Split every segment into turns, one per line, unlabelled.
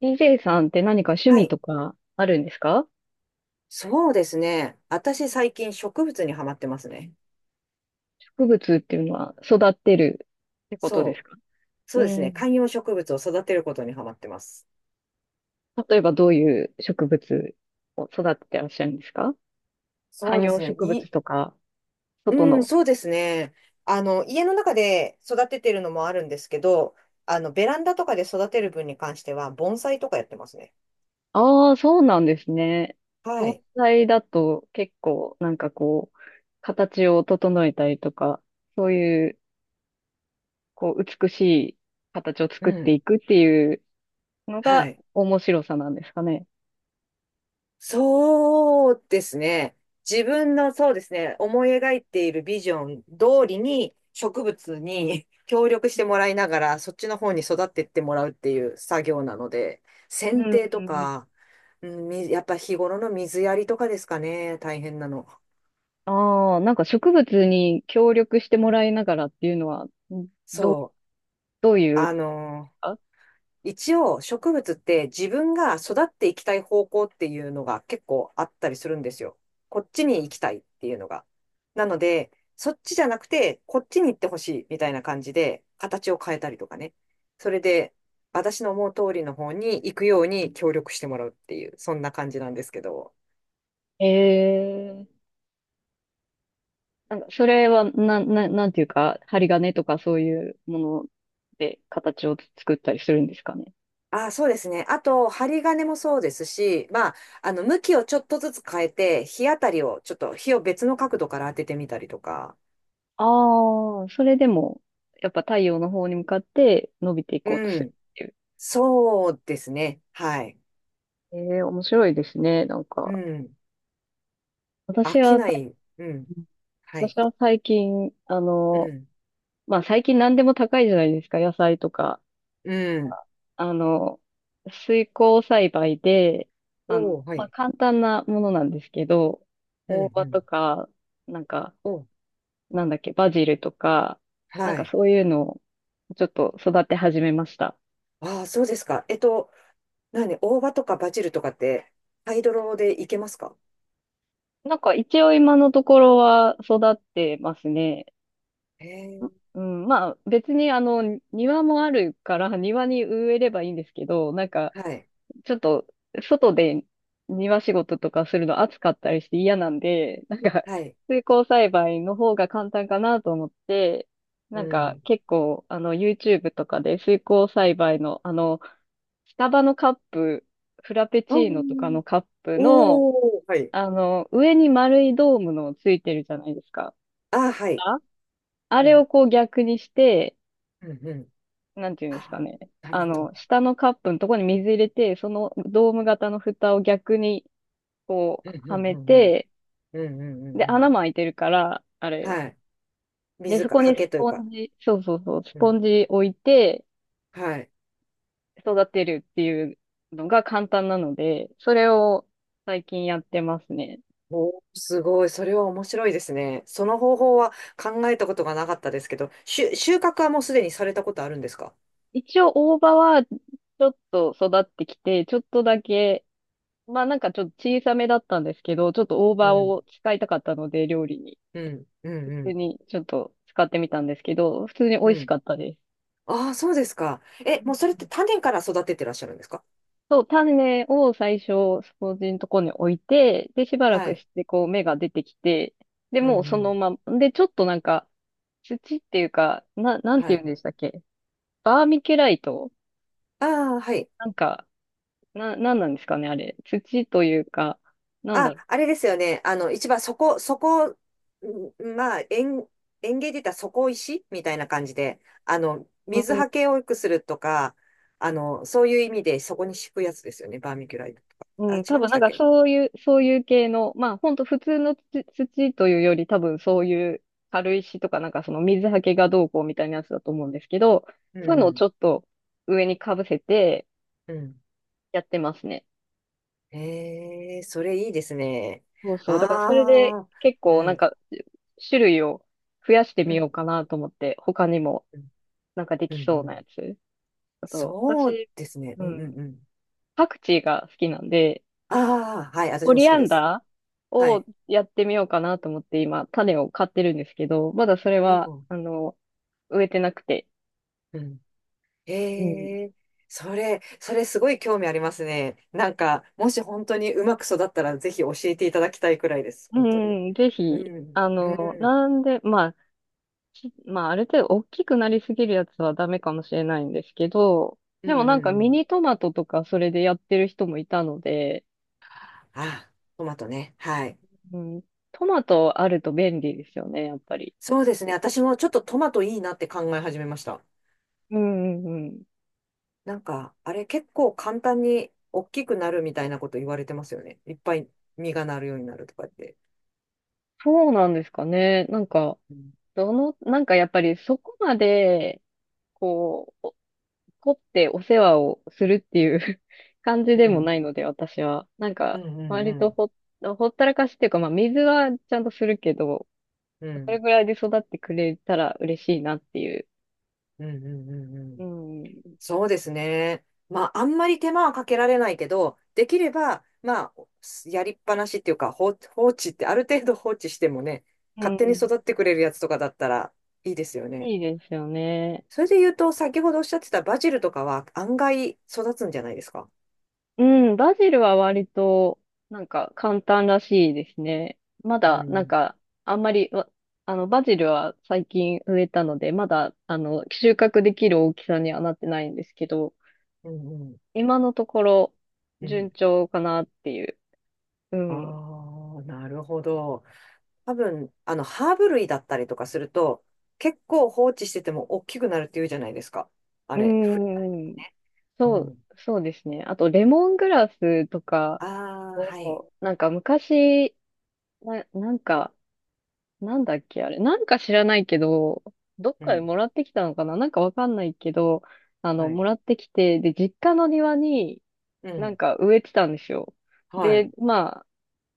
DJ さんって何か趣
は
味
い。
とかあるんですか？
そうですね。私最近植物にハマってますね。
植物っていうのは育ってるってことで
そ
す
う。
か？
そう
う
ですね。
ん。
観葉植物を育てることにハマってます。
例えばどういう植物を育ててらっしゃるんですか？
そう
観
で
葉
すね。
植物とか、外
うん、
の。
そうですね。家の中で育ててるのもあるんですけど、ベランダとかで育てる分に関しては、盆栽とかやってますね。
ああ、そうなんですね。
は
盆
い。
栽だと結構なんかこう、形を整えたりとか、そういう、こう、美しい形を
う
作って
ん。
いくっていうの
は
が
い。
面白さなんですかね。
そうですね。自分のそうですね、思い描いているビジョン通りに植物に 協力してもらいながら、そっちの方に育っていってもらうっていう作業なので、
う
剪定と
ん。
か、うんみやっぱ日頃の水やりとかですかね、大変なの。
ああ、なんか植物に協力してもらいながらっていうのは、んど、
そう。
どういう
あの
か、
一応植物って自分が育っていきたい方向っていうのが結構あったりするんですよ。こっちに行きたいっていうのが。なので、そっちじゃなくて、こっちに行ってほしいみたいな感じで、形を変えたりとかね。それで、私の思う通りの方に行くように協力してもらうっていう、そんな感じなんですけど。
ええ、なんかそれは、なんていうか、針金とかそういうもので形を作ったりするんですかね。
ああ、そうですね。あと、針金もそうですし、まあ、向きをちょっとずつ変えて、日当たりを、ちょっと日を別の角度から当ててみたりとか。
ああ、それでも、やっぱ太陽の方に向かって伸びていこうと
う
する
ん。
っていう。
そうですね。はい。
ええ、面白いですね、なん
う
か。
ん。飽
私
き
は
な
最
い。うん。
近、
はい。
私は最近、
うん。
まあ最近何でも高いじゃないですか、野菜とか。
うん。
あの、水耕栽培で、
おー、は
まあ、
い。
簡単なものなんですけど、
う
大
ん、う
葉
ん。
とか、なんか、
おー、
なんだっけ、バジルとか、な
は
んか
い。
そういうのをちょっと育て始めました。
ああ、そうですか。何、大葉とかバジルとかって、ハイドロでいけますか？
なんか一応今のところは育ってますね。
へえ、
うん、まあ別に庭もあるから庭に植えればいいんですけど、なんか
はい。
ちょっと、外で庭仕事とかするの暑かったりして嫌なんで、なんか、
はい。
水耕栽培の方が簡単かなと思って、
う
なんか、
ん。
結構、YouTube とかで水耕栽培の、スタバのカップ、フラペ
あ
チーノとか
ー。
のカップの、
おー、はい。
上に丸いドームのついてるじゃないですか。
ああ、はい。
あ、あ
う
れを
ん。
こう逆にして、
うん、うん。
なんていうん
あ
ですかね。
あ、なる
あ
ほど。
の、下のカップのところに水入れて、そのドーム型の蓋を逆にこう、
うん、う
は
ん、
め
うん、うん。
て、
うん、うん、う
で、
ん。う
穴
ん。
も開いてるから、あれ。
はい。
で、
水
そ
か、
こ
刷
に
毛
ス
という
ポ
か。
ンジ、そうそうそう、ス
う
ポ
ん。
ンジ置いて
はい。
育てるっていうのが簡単なので、それを最近やってますね。
おー、すごい。それは面白いですね。その方法は考えたことがなかったですけど、収穫はもうすでにされたことあるんですか？
一応大葉はちょっと育ってきて、ちょっとだけ、まあなんかちょっと小さめだったんですけど、ちょっと大
う
葉
ん、
を使いたかったので、料理に。
うん、うん、
普
う
通
ん、
にちょっと使ってみたんですけど、普通に美
う
味し
ん。
かったです。
ああ、そうですか。え、
う
もうそれって
ん、
種から育ててらっしゃるんですか？
そう、種を最初、掃除のとこに置いて、で、しばら
は
く
い。
して、こう、芽が出てきて、で、
う
もう
ん、
そ
う
の
ん。
まま、で、ちょっとなんか、土っていうか、な、なん
は
て言うん
い。
でしたっけ？バーミキュライト。
ああ、はい。
なんか、な、なんなんですかね、あれ。土というか、なんだ
あ、
ろ
あれですよね。一番そこ、まあ、園芸で言ったら底石みたいな感じで、
う。
水
う
はけを良くするとか、そういう意味でそこに敷くやつですよね。バーミキュライトとか。あ、
ん、うん、多
違いま
分
し
なん
たっ
か
け？
そういう、そういう系の、まあ、ほんと普通の土、土というより、多分そういう軽石とか、なんかその水はけがどうこうみたいなやつだと思うんですけど、
う
そういうのを
ん、
ちょっと、上にかぶせて、
うん。
やってますね。
ええ、それいいですね。
そうそう。だからそれで
ああ、
結
う
構なん
ん、
か種類を増やして
う
みよう
ん、
かなと思って、他にも
うん、
なんかで
う
き
ん。
そう
う
なや
ん。
つ。あと、
そう
私、
ですね。
う
うん、う
ん、
ん、うん。
パクチーが好きなんで、
ああ、はい、私
オ
も好
リ
き
ア
で
ン
す。
ダー
は
を
い。
やってみようかなと思って今、種を買ってるんですけど、まだそれ
お
は、
ー。
あの、植えてなくて。
うん。
うん。
ええ、それすごい興味ありますね。なんか、もし本当にうまく育ったら、ぜひ教えていただきたいくらいです。
う
本当に。
ん、ぜ
う
ひ、
ん、
あ
う
の、
ん、
なんで、まあ、き、まあ、ある程度大きくなりすぎるやつはダメかもしれないんですけど、
うん、
で
う
もなん
ん
か
う
ミ
ん。
ニトマトとかそれでやってる人もいたので、
あ、トマトね。はい。
うん、トマトあると便利ですよね、やっぱり。
そうですね。私もちょっとトマトいいなって考え始めました。
うんうんうん。
なんか、あれ結構簡単に大きくなるみたいなこと言われてますよね。いっぱい実がなるようになるとかって。
そうなんですかね。なんか、
うん、
どの、なんかやっぱりそこまで、こう、お、凝ってお世話をするっていう 感じで
う
も
ん、
ないので、私は。なん
うん、
か、
うん、う
割と
ん、
ほ、ほったらかしっていうか、まあ水はちゃんとするけど、
う
それ
ん、
ぐらいで育ってくれたら嬉しいなっていう。
うん、うん、うん。う
う
ん。
ん。
そうですね。まあ、あんまり手間はかけられないけど、できれば、まあ、やりっぱなしっていうか、放置って、ある程度放置してもね、
う
勝手に
ん。
育ってくれるやつとかだったらいいですよね。
いいですよね。
それで言うと、先ほどおっしゃってたバジルとかは案外育つんじゃないですか？
うん、バジルは割と、なんか簡単らしいですね。ま
う
だ、なん
ん。
か、あんまり、わ、あの、バジルは最近植えたので、まだ、あの、収穫できる大きさにはなってないんですけど、
うん、うん、
今のところ、
う
順
ん。
調かなっていう。う
あ
ん。う
あ、なるほど。多分、ハーブ類だったりとかすると、結構放置してても大きくなるっていうじゃないですか。あ
ー
れ、
ん。
ね。う
そう、
ん。
そうですね。あと、レモングラスとか
ああ、はい。
を、なんか昔、な、なんか、なんだっけ、あれ。なんか知らないけど、どっ
う
かで
ん。
もらってきたのかな、なんかわかんないけど、あの、
は
も
い。
らってきて、で、実家の庭に
う
な
ん。
んか植えてたんですよ。
は
で、
い。
ま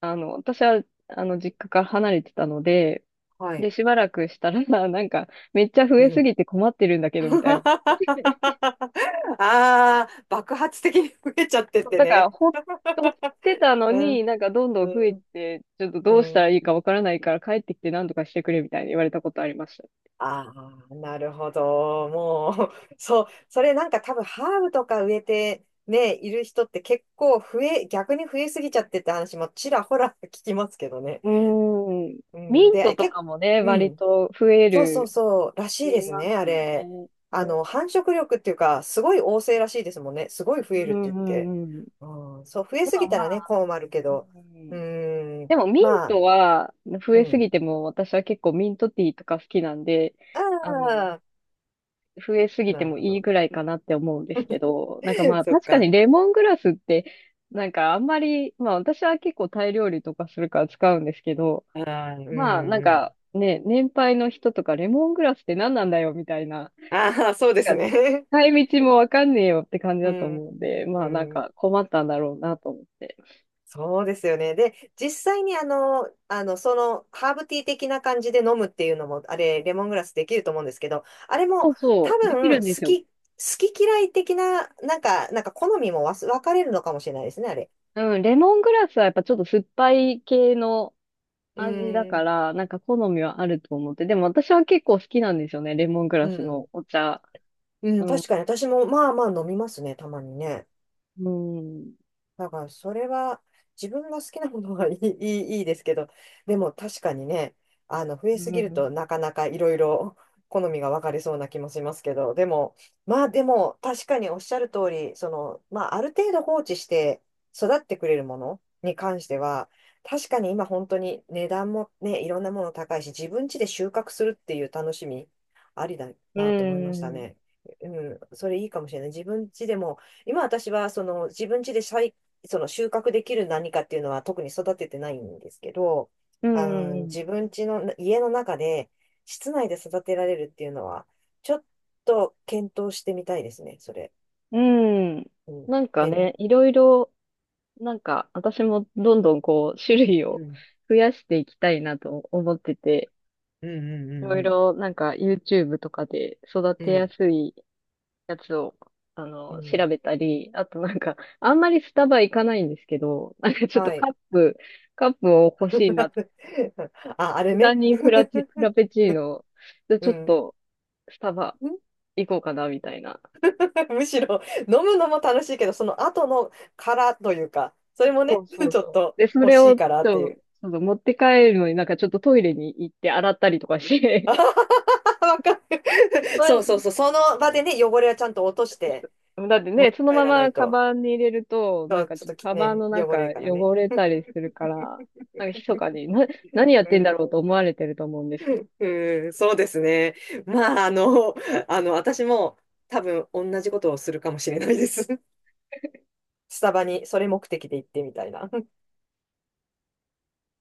あ、あの、私は、あの、実家から離れてたので、
は
で、
い。
しばらくしたら、なんか、めっちゃ増
う
えす
ん。
ぎて困ってるんだけど、みたいな。
ああ、爆発的に増えちゃってって
だから、
ね。
ほ、ほってたの
うん。
に、なんかどんどん増え
うん。
て、ちょっと
う
どうしたら
ん。
いいかわからないから帰ってきて何とかしてくれ、みたいに言われたことありました。
ああ、なるほど。もう、そう、それなんか多分ハーブとか植えてね、いる人って結構増え、逆に増えすぎちゃってって話もちらほら聞きますけどね。
うーん。
う
ミ
ん。
ント
で、
と
結構、
かもね、
う
割
ん。
と増え
そうそう
る
そう、ら
っ
しい
て
で
言い
す
ま
ね、あ
すよ
れ。
ね。うん、
繁殖力っていうか、すごい旺盛らしいですもんね。すごい増える
う
って
ん、
言っ
う
て。
んうん。
うん、そう、増え
で
す
も
ぎた
ま
らね、
あ、
困るけ
う
ど。う
ん、
ーん、
でもミン
ま
ト
あ、
は増
う
えすぎ
ん。
ても、私は結構ミントティーとか好きなんで、
あ
あの、
あ、
増えすぎて
なる
も
ほ
いい
ど。
ぐらいかなって思うんですけど、なんかま あ
そっ
確か
か。
にレモングラスって、なんかあんまり、まあ私は結構タイ料理とかするから使うんですけど、
ああ、うん、
まあなん
うん。
かね、年配の人とかレモングラスって何なんだよみたいな、
ああ、そうで
な
す
んか、
ね。
使い道もわかんねえよって感じ
う
だと
ん、
思うんで、ま
う
あなん
ん。
か困ったんだろうなと思って。
そうですよね。で、実際にハーブティー的な感じで飲むっていうのも、あれ、レモングラスできると思うんですけど、あれ
そ
も
う
多
そう、でき
分、
るんで
好
すよ。
き、好き嫌い的な、なんか好みも分かれるのかもしれないですね、あれ。
うん、レモングラスはやっぱちょっと酸っぱい系の
う
味だ
ーん、
から、なんか好みはあると思って。でも私は結構好きなんですよね、レモング
う
ラス
ん、
のお茶。
う
う
ん、
ん、
確かに私も、まあまあ飲みますね、たまにね。
うん、
だから、それは自分が好きなものは いいですけど、でも確かにね、増え
う
すぎると
ん、
なかなかいろいろ 好みが分かれそうな気もしますけど、でも、まあでも確かにおっしゃる通り、その、まあある程度放置して育ってくれるものに関しては、確かに今本当に値段もね、いろんなもの高いし、自分家で収穫するっていう楽しみ、ありだ
う
なと思いました
ん、うん、
ね。うん、それいいかもしれない。自分家でも今私はその自分家で栽その収穫できる何かっていうのは特に育ててないんですけど、
うん。
自分家の家の中で室内で育てられるっていうのは、ちょっと検討してみたいですね、それ。
うん、
うん。
なんか
で、
ね、いろいろ、なんか私もどんどんこう、種類
う
を
ん。
増やしていきたいなと思ってて、
うん
いろい
うん
ろなんか YouTube とかで育
うん
て
う
や
ん。
すいやつを、あ
うん。
の、
うん。
調べたり、あとなんか、あんまりスタバ行かないんですけど、なんかちょっと
はい。
カップ、カップを欲しいなと。
あ、あれ
無駄
ね。
にフラチ、フラ ペチーノ、で、ち
う
ょっ
ん。
とスタバ 行こうかな、みたいな。
むしろ飲むのも楽しいけど、その後の殻というか、それも
そ
ね、
うそ う
ちょっ
そう。
と
で、そ
欲
れ
しい
を、
からって
そ
いう。
う、そうそう持って帰るのになんかちょっとトイレに行って洗ったりとかし て、
あははわかる。そうそう
毎、
そう。その場でね、汚れはちゃんと落として
だってね、その
帰
ま
らな
ま
い
カ
と。
バンに入れると、な
そ
ん
う
か
ちょっ
ちょっ
と
とカバン
ね、
の
汚れ
中
るからね。
汚れたりするから、なんか密かに、な、何やっ
う
てんだ
ん。
ろうと思われてると思うんです
うん、そうですね。まあ、私も多分同じことをするかもしれないです。スタバにそれ目的で行ってみたいな。